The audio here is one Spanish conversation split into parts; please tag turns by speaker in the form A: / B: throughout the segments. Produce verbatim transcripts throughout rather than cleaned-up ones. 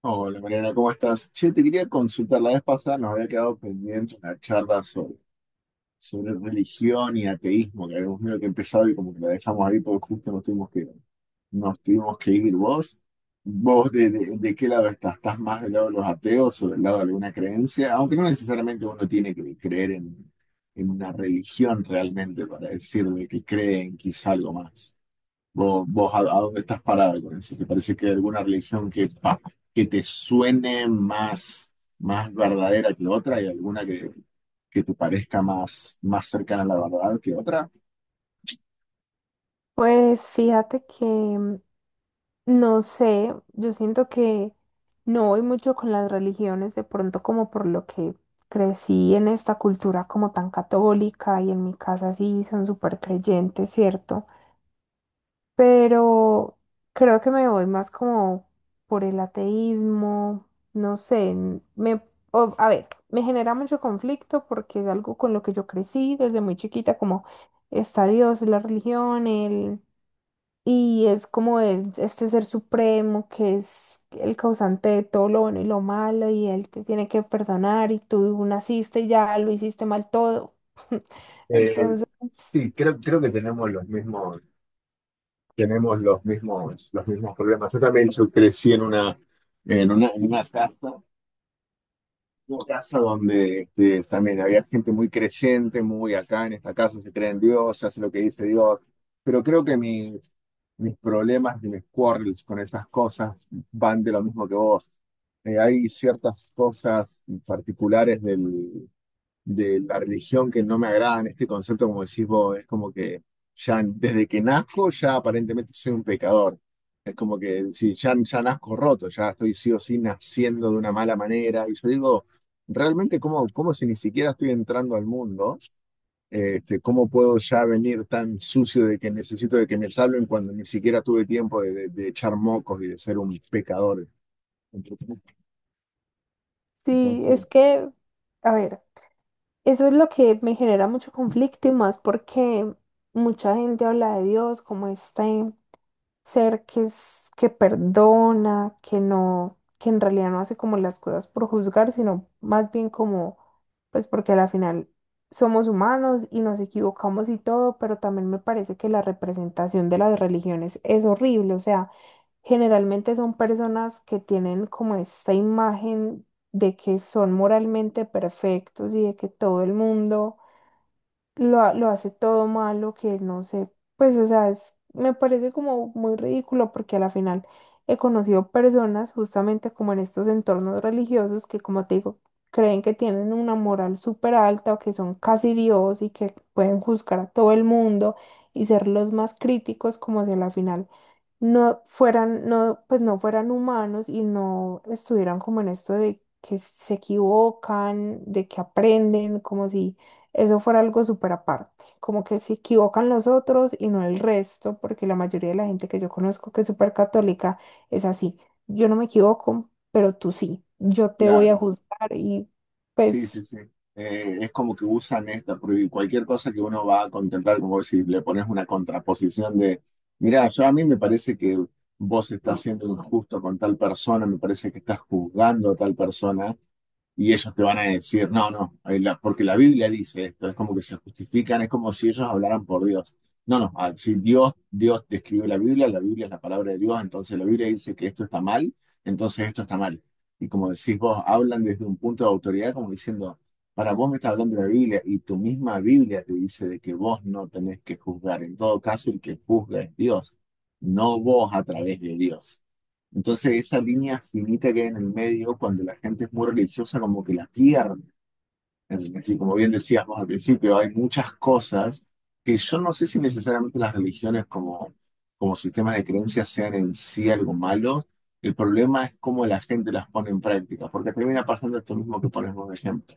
A: Hola Mariana, ¿cómo estás? Che, te quería consultar, la vez pasada nos había quedado pendiente una charla sobre, sobre religión y ateísmo, que habíamos medio que empezado y como que la dejamos ahí porque justo nos tuvimos que, nos tuvimos que ir. ¿Vos, vos de, de, de qué lado estás? ¿Estás más del lado de los ateos o del lado de alguna creencia? Aunque no necesariamente uno tiene que creer en, en una religión realmente para decir de que cree en quizá algo más. ¿Vos, vos a, a dónde estás parado con eso? ¿Te parece que hay alguna religión que, pa- que te suene más, más verdadera que otra y alguna que, que te parezca más, más cercana a la verdad que otra?
B: Pues fíjate que mm, no sé, yo siento que no voy mucho con las religiones, de pronto como por lo que crecí en esta cultura como tan católica y en mi casa sí son súper creyentes, ¿cierto? Pero creo que me voy más como por el ateísmo, no sé, n- me, o- a ver, me genera mucho conflicto porque es algo con lo que yo crecí desde muy chiquita, como está Dios, la religión, el y es como es este ser supremo que es el causante de todo lo bueno y lo malo y él te tiene que perdonar y tú naciste y ya lo hiciste mal todo.
A: Eh,
B: Entonces,
A: sí, creo, creo que tenemos los mismos, tenemos los mismos, los mismos problemas. Yo también, yo crecí en una, en una, en una casa. Una casa donde este, también había gente muy creyente, muy acá en esta casa se cree en Dios, se hace lo que dice Dios. Pero creo que mis, mis problemas y mis quarrels con esas cosas van de lo mismo que vos. Eh, hay ciertas cosas particulares del, de la religión que no me agradan, este concepto, como decís vos, es como que ya desde que nazco, ya aparentemente soy un pecador. Es como que si ya, ya nazco roto, ya estoy sí o sí naciendo de una mala manera. Y yo digo, realmente, ¿cómo, cómo si ni siquiera estoy entrando al mundo? Este, ¿cómo puedo ya venir tan sucio de que necesito de que me salven cuando ni siquiera tuve tiempo de, de- de echar mocos y de ser un pecador?
B: sí,
A: Entonces,
B: es que, a ver, eso es lo que me genera mucho conflicto y más porque mucha gente habla de Dios como este ser que es, que perdona, que no, que en realidad no hace como las cosas por juzgar, sino más bien como, pues porque a la final somos humanos y nos equivocamos y todo, pero también me parece que la representación de las religiones es horrible. O sea, generalmente son personas que tienen como esta imagen de que son moralmente perfectos y de que todo el mundo lo, ha- lo hace todo malo, que no sé, pues o sea, es- me parece como muy ridículo porque a la final he conocido personas justamente como en estos entornos religiosos que, como te digo, creen que tienen una moral súper alta o que son casi Dios y que pueden juzgar a todo el mundo y ser los más críticos como si a la final no fueran, no, pues no fueran humanos y no estuvieran como en esto de que se equivocan, de que aprenden, como si eso fuera algo súper aparte, como que se equivocan los otros y no el resto, porque la mayoría de la gente que yo conozco que es súper católica es así, yo no me equivoco, pero tú sí, yo te voy a
A: claro,
B: juzgar y
A: sí,
B: pues
A: sí, sí. Eh, es como que usan esta, porque cualquier cosa que uno va a contemplar, como si le pones una contraposición de, mira, yo a mí me parece que vos estás siendo injusto con tal persona, me parece que estás juzgando a tal persona, y ellos te van a decir, no, no, eh, la- porque la Biblia dice esto, es como que se justifican, es como si ellos hablaran por Dios. No, no, ah, si Dios, Dios te escribió la Biblia, la Biblia es la palabra de Dios, entonces la Biblia dice que esto está mal, entonces esto está mal. Y como decís vos, hablan desde un punto de autoridad como diciendo, para vos me estás hablando de la Biblia y tu misma Biblia te dice de que vos no tenés que juzgar. En todo caso, el que juzga es Dios, no vos a través de Dios. Entonces esa línea finita que hay en el medio, cuando la gente es muy religiosa, como que la pierde. Es decir, como bien decíamos al principio, hay muchas cosas que yo no sé si necesariamente las religiones como, como sistemas de creencias sean en sí algo malo. El problema es cómo la gente las pone en práctica, porque termina pasando esto mismo que ponemos de ejemplo.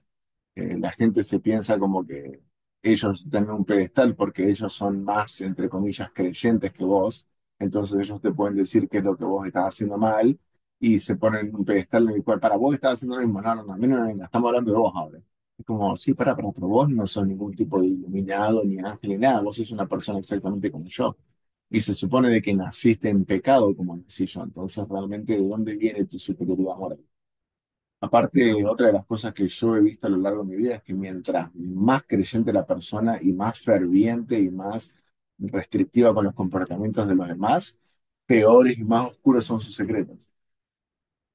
A: eh, La gente se piensa como que ellos están en un pedestal porque ellos son más, entre comillas, creyentes que vos, entonces ellos te pueden decir qué es lo que vos estás haciendo mal y se ponen en un pedestal en el cual para vos estás haciendo lo mismo, no, no, no, a mí no, no, no, estamos hablando de vos ahora. Es como, sí, para, pero pero vos no sos ningún tipo de iluminado, ni ángel, ni nada, vos sos una persona exactamente como yo. Y se supone de que naciste en pecado, como decía yo, entonces realmente, ¿de dónde viene tu superioridad moral? Aparte, otra de las cosas que yo he visto a lo largo de mi vida es que mientras más creyente la persona y más ferviente y más restrictiva con los comportamientos de los demás, peores y más oscuros son sus secretos.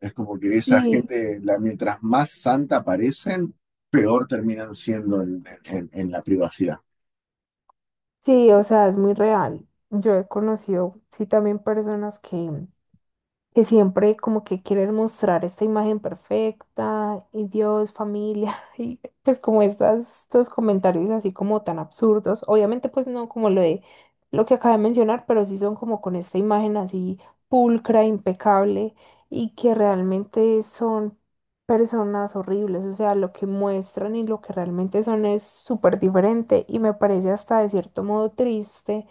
A: Es como que esa
B: sí,
A: gente, la, mientras más santa parecen, peor terminan siendo en, en- en la privacidad.
B: sí, o sea, es muy real. Yo he conocido, sí, también personas que que siempre como que quieren mostrar esta imagen perfecta y Dios, familia, y pues como estas, estos comentarios así como tan absurdos. Obviamente pues no como lo de lo que acabo de mencionar, pero sí son como con esta imagen así pulcra, impecable y que realmente son personas horribles. O sea, lo que muestran y lo que realmente son es súper diferente y me parece hasta de cierto modo triste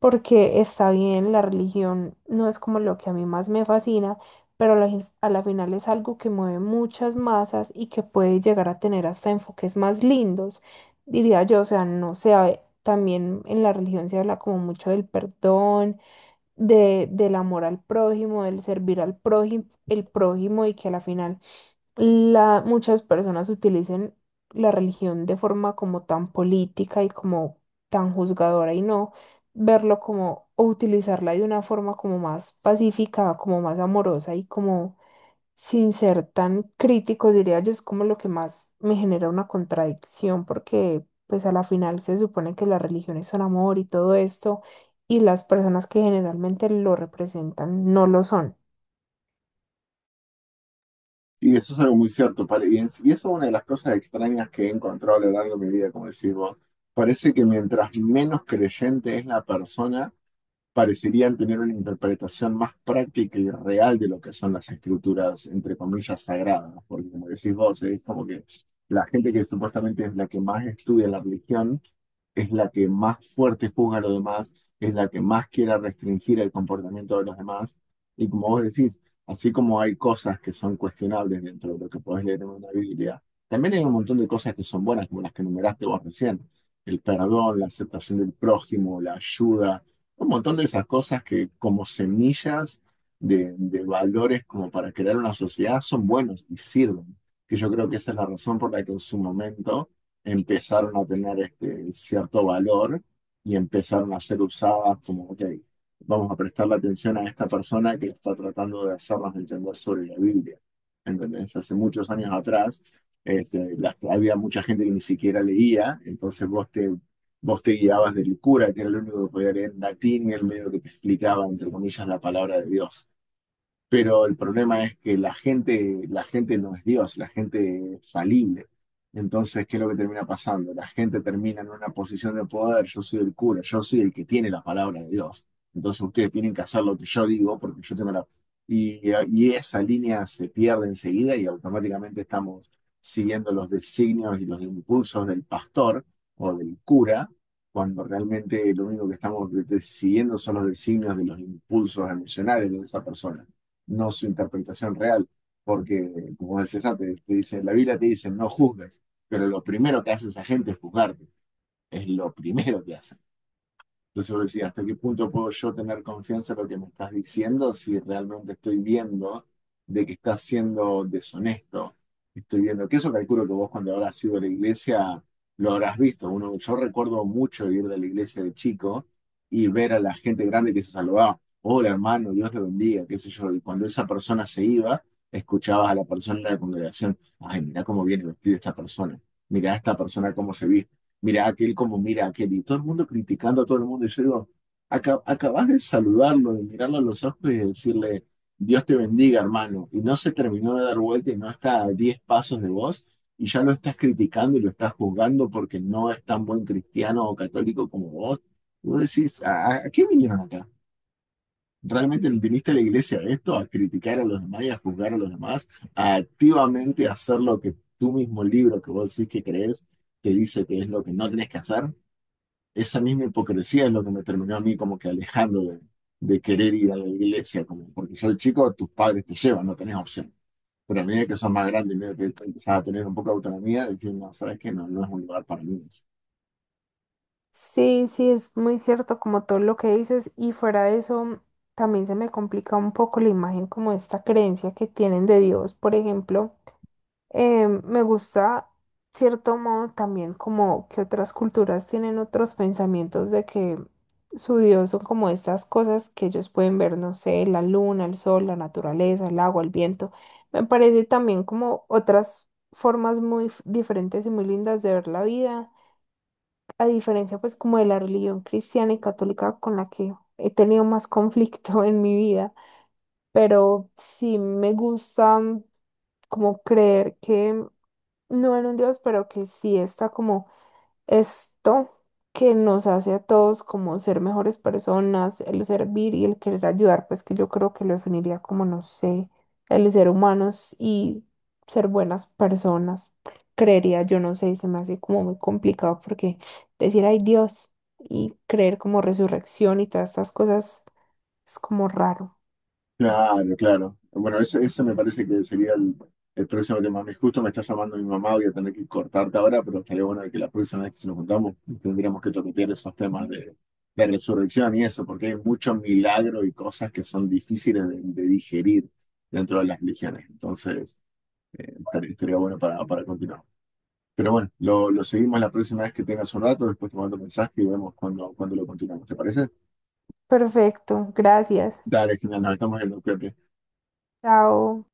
B: porque está bien, la religión no es como lo que a mí más me fascina, pero a la, gen- a la final es algo que mueve muchas masas y que puede llegar a tener hasta enfoques más lindos, diría yo. O sea, no se hab- también en la religión se habla como mucho del perdón, de, del amor al prójimo, del servir al prójimo, el prójimo, y que a la final la, muchas personas utilizan la religión de forma como tan política y como tan juzgadora y no verlo como o utilizarla de una forma como más pacífica, como más amorosa y como sin ser tan crítico, diría yo. Es como lo que más me genera una contradicción porque pues a la final se supone que las religiones son amor y todo esto y las personas que generalmente lo representan no lo son.
A: Y eso es algo muy cierto. Pare- Y es- y eso es una de las cosas extrañas que he encontrado a lo largo de mi vida, como decís vos. Parece que mientras menos creyente es la persona, parecerían tener una interpretación más práctica y real de lo que son las escrituras, entre comillas, sagradas, porque como decís vos, es como que la gente que supuestamente es la que más estudia la religión, es la que más fuerte juzga a los demás, es la que más quiere restringir el comportamiento de los demás, y como vos decís, así como hay cosas que son cuestionables dentro de lo que podés leer en una Biblia, también hay un montón de cosas que son buenas, como las que enumeraste vos recién, el perdón, la aceptación del prójimo, la ayuda, un montón de esas cosas que como semillas de, de valores como para crear una sociedad son buenos y sirven. Que yo creo que esa es la razón por la que en su momento empezaron a tener este cierto valor y empezaron a ser usadas como, ok, vamos a prestarle atención a esta persona que está tratando de hacernos entender sobre la Biblia. ¿Entendés? Hace muchos años atrás, este, las- había mucha gente que ni siquiera leía, entonces vos te vos te guiabas de Licura, que era lo único que podía leer en latín, y el medio que te explicaba, entre comillas, la palabra de Dios. Pero el problema es que la gente, la gente no es Dios, la gente es falible. Entonces, ¿qué es lo que termina pasando? La gente termina en una posición de poder, yo soy el cura, yo soy el que tiene la palabra de Dios. Entonces ustedes tienen que hacer lo que yo digo porque yo tengo la... Y, y esa línea se pierde enseguida y automáticamente estamos siguiendo los designios y los impulsos del pastor o del cura, cuando realmente lo único que estamos siguiendo son los designios de los impulsos emocionales de esa persona, no su interpretación real. Porque, como decías antes, te dice, la Biblia te dice, no juzgues, pero lo primero que hace esa gente es juzgarte. Es lo primero que hace. Entonces vos decís, ¿hasta qué punto puedo yo tener confianza en lo que me estás diciendo si realmente estoy viendo de que estás siendo deshonesto? Estoy viendo que eso calculo que vos cuando habrás ido a la iglesia lo habrás visto. Uno, yo recuerdo mucho ir de la iglesia de chico y ver a la gente grande que se saludaba. Hola hermano, Dios te bendiga, qué sé yo. Y cuando esa persona se iba, escuchabas a la persona de la congregación, ay, mirá cómo viene vestida esta persona, mirá esta persona cómo se viste, mira aquel como mira aquel, y todo el mundo criticando a todo el mundo. Y yo digo, "Aca- acabas de saludarlo, de mirarlo a los ojos y de decirle, Dios te bendiga, hermano. Y no se terminó de dar vuelta y no está a diez pasos de vos, y ya lo estás criticando y lo estás juzgando porque no es tan buen cristiano o católico como vos. Y vos decís, ¿a, a- a qué vinieron acá? ¿Realmente viniste a la iglesia a esto? ¿A criticar a los demás y a juzgar a los demás? ¿A activamente hacer lo que tu mismo libro que vos decís que crees te dice que es lo que no tenés que hacer? Esa misma hipocresía es lo que me terminó a mí como que alejando de, de querer ir a la iglesia, como porque yo de chico tus padres te llevan, no tenés opción. Pero a medida que sos más grande y medio que empezás a tener un poco de autonomía, decís, no, sabes que no, no es un lugar para mí.
B: Sí, sí, es muy cierto como todo lo que dices, y fuera de eso también se me complica un poco la imagen como esta creencia que tienen de Dios, por ejemplo. Eh, me gusta cierto modo también como que otras culturas tienen otros pensamientos de que su Dios son como estas cosas que ellos pueden ver, no sé, la luna, el sol, la naturaleza, el agua, el viento. Me parece también como otras formas muy f- diferentes y muy lindas de ver la vida a diferencia pues como de la religión cristiana y católica con la que he tenido más conflicto en mi vida, pero sí me gusta, mm, como creer que no en un Dios, pero que sí está como esto que nos hace a todos como ser mejores personas, el servir y el querer ayudar, pues que yo creo que lo definiría como, no sé, el ser humanos y ser buenas personas, creería yo, no sé, se me hace como muy complicado porque decir hay Dios y creer como resurrección y todas estas cosas es como raro.
A: Claro, claro. Bueno, ese, ese me parece que sería el, el próximo tema. Me justo me está llamando mi mamá, voy a tener que cortarte ahora, pero estaría bueno que la próxima vez que nos juntamos tendríamos que toquetear esos temas de, de resurrección y eso, porque hay mucho milagro y cosas que son difíciles de, de digerir dentro de las religiones. Entonces, estaría, estaría bueno para, para continuar. Pero bueno, lo, lo seguimos la próxima vez que tengas un rato, después te mando un mensaje y vemos cuando, cuando lo continuamos. ¿Te parece?
B: Perfecto, gracias.
A: Dale, genial, nos estamos viendo, cuídate.
B: Chao.